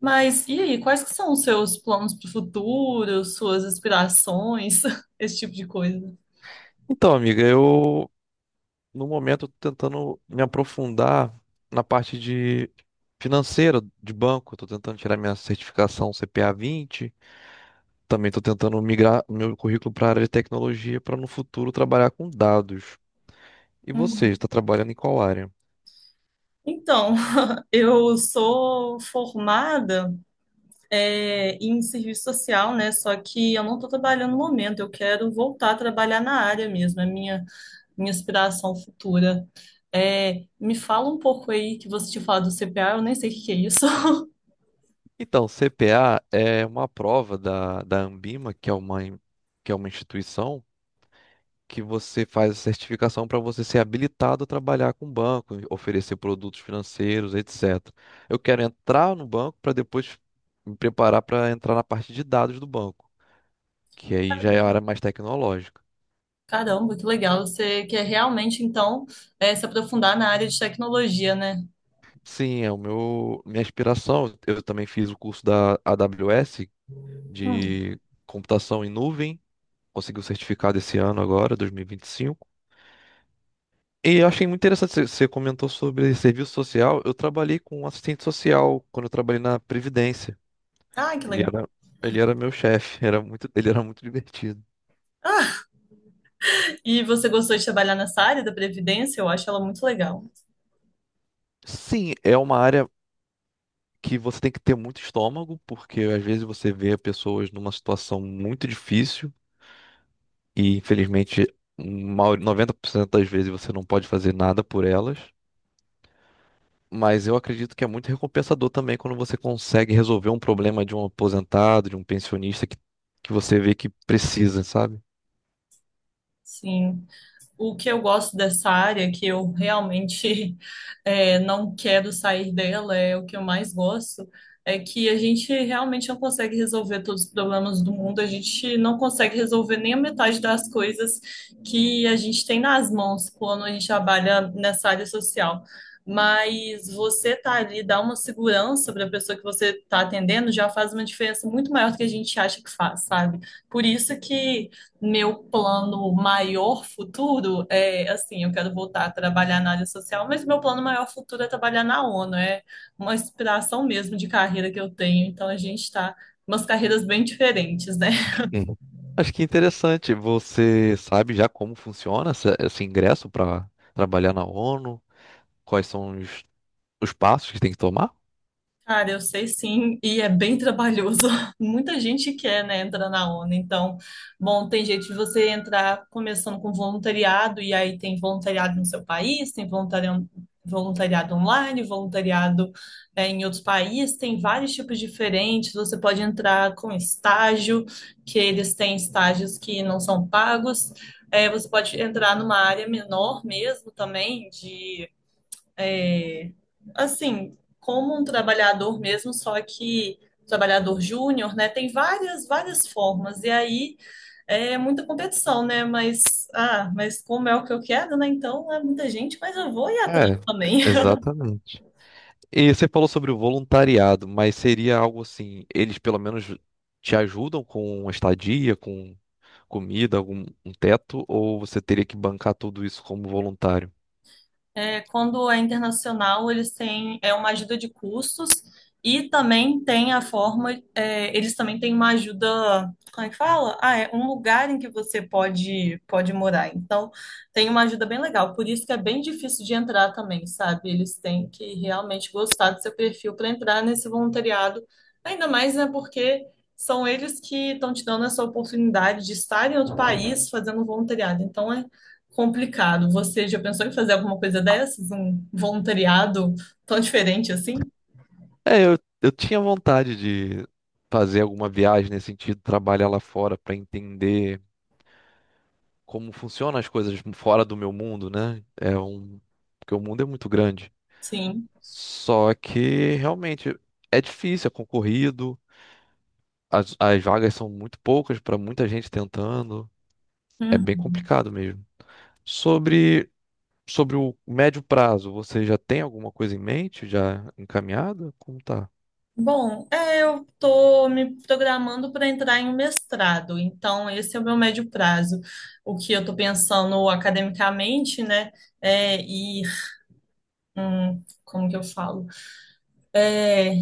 Mas e aí, quais que são os seus planos para o futuro, suas aspirações, esse tipo de coisa? Então, amiga, eu no momento tô tentando me aprofundar na parte de financeira de banco, estou tentando tirar minha certificação CPA 20. Também estou tentando migrar meu currículo para a área de tecnologia para no futuro trabalhar com dados. E você, Uhum. está trabalhando em qual área? Então, eu sou formada. Em serviço social, né? Só que eu não estou trabalhando no momento, eu quero voltar a trabalhar na área mesmo, é minha inspiração futura. Me fala um pouco aí que você tinha falado do CPA, eu nem sei o que que é isso. Então, CPA é uma prova da Anbima, que é uma instituição que você faz a certificação para você ser habilitado a trabalhar com banco, oferecer produtos financeiros, etc. Eu quero entrar no banco para depois me preparar para entrar na parte de dados do banco, que aí já é a área mais tecnológica. Caramba, que legal. Você quer realmente, então, se aprofundar na área de tecnologia, né? Sim, é o meu minha aspiração. Eu também fiz o curso da AWS Hum. de computação em nuvem, consegui o certificado esse ano agora, 2025. E 25. E eu achei muito interessante, você comentou sobre serviço social. Eu trabalhei com assistente social quando eu trabalhei na Previdência. Ah, que Ele legal. era, ele era meu chefe, ele era muito divertido. E você gostou de trabalhar nessa área da Previdência? Eu acho ela muito legal. Sim, é uma área que você tem que ter muito estômago, porque às vezes você vê pessoas numa situação muito difícil e infelizmente 90% das vezes você não pode fazer nada por elas. Mas eu acredito que é muito recompensador também quando você consegue resolver um problema de um aposentado, de um pensionista que você vê que precisa, sabe? Sim. O que eu gosto dessa área, que eu realmente não quero sair dela, é o que eu mais gosto, é que a gente realmente não consegue resolver todos os problemas do mundo, a gente não consegue resolver nem a metade das coisas que a gente tem nas mãos quando a gente trabalha nessa área social. Mas você tá ali, dá uma segurança para a pessoa que você está atendendo, já faz uma diferença muito maior do que a gente acha que faz, sabe? Por isso que meu plano maior futuro é assim, eu quero voltar a trabalhar na área social, mas meu plano maior futuro é trabalhar na ONU, é uma inspiração mesmo de carreira que eu tenho, então a gente está umas carreiras bem diferentes, né? Uhum. Acho que é interessante. Você sabe já como funciona esse ingresso para trabalhar na ONU? Quais são os passos que tem que tomar? Cara, eu sei sim, e é bem trabalhoso. Muita gente quer, né, entrar na ONU. Então, bom, tem jeito de você entrar começando com voluntariado, e aí tem voluntariado no seu país, tem voluntariado online, voluntariado, em outros países, tem vários tipos diferentes. Você pode entrar com estágio, que eles têm estágios que não são pagos. É, você pode entrar numa área menor mesmo também, de assim, como um trabalhador mesmo, só que trabalhador júnior, né? Tem várias, várias formas. E aí é muita competição, né? Mas, ah, mas como é o que eu quero, né? Então é muita gente, mas eu vou ir atrás É, também. exatamente. E você falou sobre o voluntariado, mas seria algo assim, eles pelo menos te ajudam com estadia, com comida, algum um teto, ou você teria que bancar tudo isso como voluntário? É, quando é internacional, eles têm é uma ajuda de custos e também tem a forma, é, eles também têm uma ajuda, como é que fala? Ah, é um lugar em que você pode morar. Então, tem uma ajuda bem legal. Por isso que é bem difícil de entrar também, sabe? Eles têm que realmente gostar do seu perfil para entrar nesse voluntariado. Ainda mais, né, porque são eles que estão te dando essa oportunidade de estar em outro país fazendo voluntariado. Então, é complicado. Você já pensou em fazer alguma coisa dessas? Um voluntariado tão diferente assim? É, eu tinha vontade de fazer alguma viagem nesse sentido, trabalhar lá fora para entender como funcionam as coisas fora do meu mundo, né? Porque o mundo é muito grande. Sim. Só que realmente é difícil, é concorrido. As vagas são muito poucas para muita gente tentando. É bem Uhum. complicado mesmo. Sobre, sobre o médio prazo, você já tem alguma coisa em mente? Já encaminhada? Como tá? Bom, é, eu estou me programando para entrar em um mestrado, então esse é o meu médio prazo. O que eu estou pensando academicamente, né, é ir, como que eu falo? é,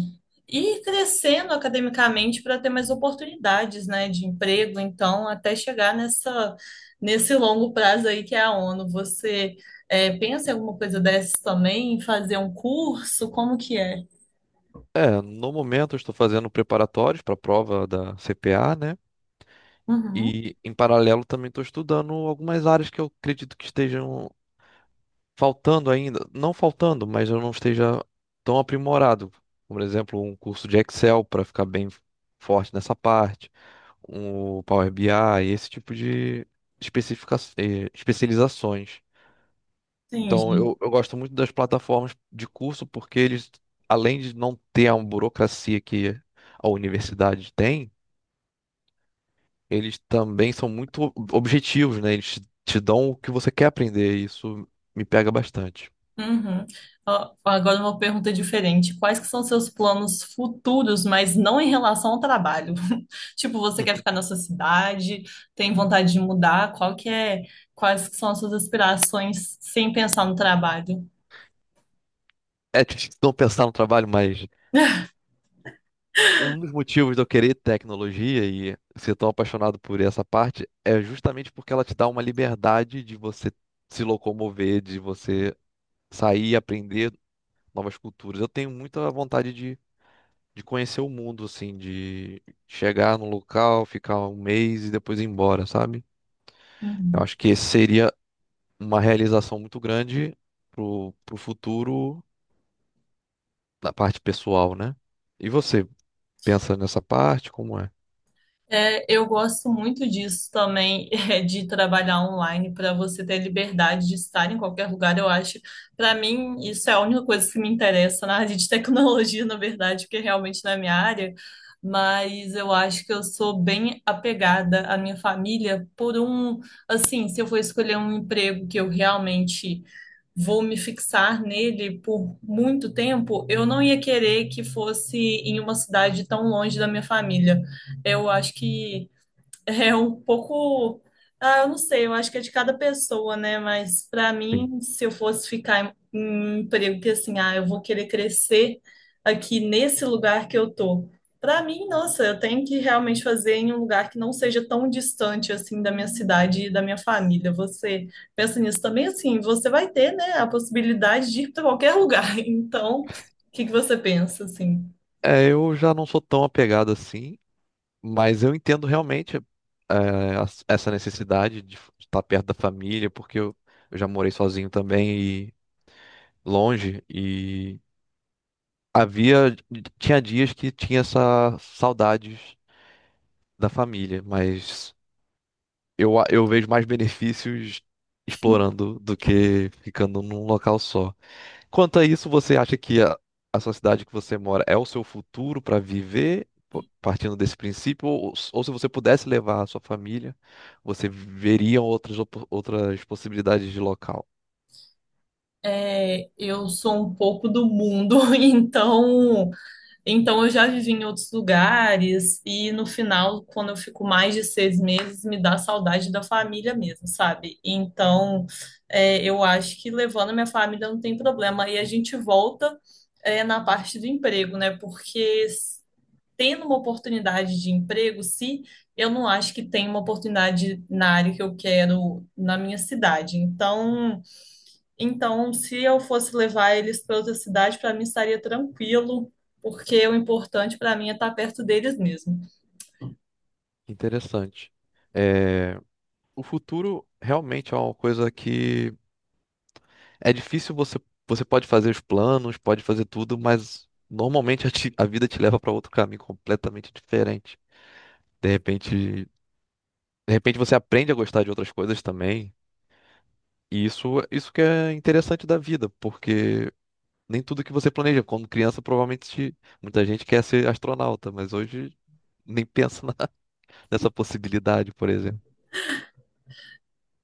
Ir crescendo academicamente para ter mais oportunidades, né, de emprego, então, até chegar nessa, nesse longo prazo aí que é a ONU. Você pensa em alguma coisa dessas também, em fazer um curso? Como que é? É, no momento eu estou fazendo preparatórios para a prova da CPA, né? Uhum, E em paralelo também estou estudando algumas áreas que eu acredito que estejam faltando ainda, não faltando, mas eu não esteja tão aprimorado. Por exemplo, um curso de Excel para ficar bem forte nessa parte, um Power BI, esse tipo de especializações. Então, entendi. eu gosto muito das plataformas de curso porque eles, além de não ter a burocracia que a universidade tem, eles também são muito objetivos, né? Eles te dão o que você quer aprender, e isso me pega bastante. Uhum. Ó, agora uma pergunta diferente. Quais que são seus planos futuros, mas não em relação ao trabalho? Tipo, você quer ficar na sua cidade? Tem vontade de mudar? Qual que é? Quais que são as suas aspirações sem pensar no trabalho? É difícil não pensar no trabalho, mas um dos motivos de eu querer tecnologia e ser tão apaixonado por essa parte é justamente porque ela te dá uma liberdade de você se locomover, de você sair e aprender novas culturas. Eu tenho muita vontade de conhecer o mundo, assim, de chegar num local, ficar um mês e depois ir embora, sabe? Eu Uhum. acho que esse seria uma realização muito grande pro futuro da parte pessoal, né? E você pensa nessa parte? Como é? É, eu gosto muito disso também, é, de trabalhar online, para você ter liberdade de estar em qualquer lugar, eu acho. Para mim, isso é a única coisa que me interessa na área de tecnologia, na verdade, porque realmente não é minha área, mas eu acho que eu sou bem apegada à minha família por um, assim, se eu for escolher um emprego que eu realmente vou me fixar nele por muito tempo, eu não ia querer que fosse em uma cidade tão longe da minha família. Eu acho que é um pouco, ah, eu não sei, eu acho que é de cada pessoa, né? Mas para mim, se eu fosse ficar em um emprego que assim, ah, eu vou querer crescer aqui nesse lugar que eu tô. Para mim, nossa, eu tenho que realmente fazer em um lugar que não seja tão distante assim da minha cidade e da minha família. Você pensa nisso também, assim, você vai ter, né, a possibilidade de ir para qualquer lugar. Então, o que que você pensa, assim? É, eu já não sou tão apegado assim, mas eu entendo realmente é, essa necessidade de estar perto da família, porque eu já morei sozinho também e longe, e havia, tinha dias que tinha essa saudades da família, mas eu vejo mais benefícios explorando do que ficando num local só. Quanto a isso, você acha que a sociedade que você mora é o seu futuro para viver, partindo desse princípio? Ou se você pudesse levar a sua família, você veria outras possibilidades de local? Eu sou um pouco do mundo, então eu já vivi em outros lugares, e no final, quando eu fico mais de 6 meses, me dá saudade da família mesmo, sabe? Então, é, eu acho que levando a minha família não tem problema. E a gente volta, é, na parte do emprego, né? Porque s- tendo uma oportunidade de emprego, se eu não acho que tem uma oportunidade na área que eu quero na minha cidade. Então. Então, se eu fosse levar eles para outra cidade, para mim estaria tranquilo, porque o importante para mim é estar perto deles mesmo. Interessante. É, o futuro realmente é uma coisa que é difícil você. Você pode fazer os planos, pode fazer tudo, mas normalmente a vida te leva para outro caminho completamente diferente. De repente, você aprende a gostar de outras coisas também. E isso que é interessante da vida, porque nem tudo que você planeja. Quando criança, provavelmente muita gente quer ser astronauta, mas hoje nem pensa nessa possibilidade, por exemplo.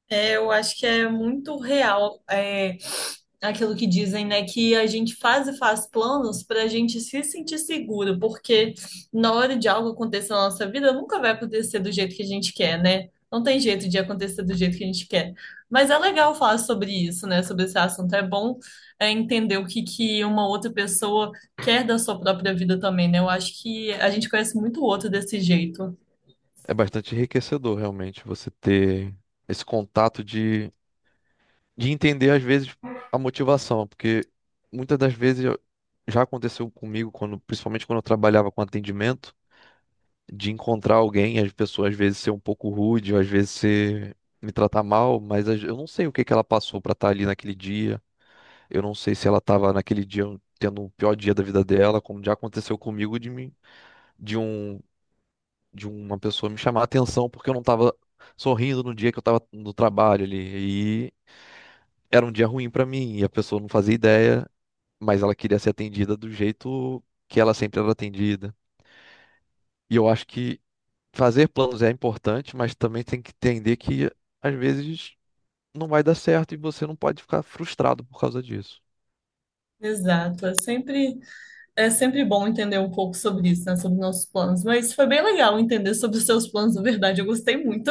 É, eu acho que é muito real é, aquilo que dizem, né? Que a gente faz e faz planos para a gente se sentir seguro, porque na hora de algo acontecer na nossa vida, nunca vai acontecer do jeito que a gente quer, né? Não tem jeito de acontecer do jeito que a gente quer. Mas é legal falar sobre isso, né? Sobre esse assunto. É bom entender o que, que uma outra pessoa quer da sua própria vida também, né? Eu acho que a gente conhece muito o outro desse jeito. É bastante enriquecedor, realmente, você ter esse contato de entender, às vezes, a motivação, porque muitas das vezes já aconteceu comigo, quando, principalmente quando eu trabalhava com atendimento. De encontrar alguém, as pessoas às vezes ser um pouco rude, ou às vezes ser me tratar mal, mas eu não sei o que que ela passou pra estar ali naquele dia. Eu não sei se ela estava naquele dia tendo o pior dia da vida dela, como já aconteceu comigo de mim, de um de uma pessoa me chamar a atenção porque eu não estava sorrindo no dia que eu estava no trabalho ali. E era um dia ruim pra mim e a pessoa não fazia ideia, mas ela queria ser atendida do jeito que ela sempre era atendida. E eu acho que fazer planos é importante, mas também tem que entender que às vezes não vai dar certo e você não pode ficar frustrado por causa disso. Exato. É sempre. É sempre bom entender um pouco sobre isso, né? Sobre nossos planos. Mas foi bem legal entender sobre os seus planos, na verdade. Eu gostei muito.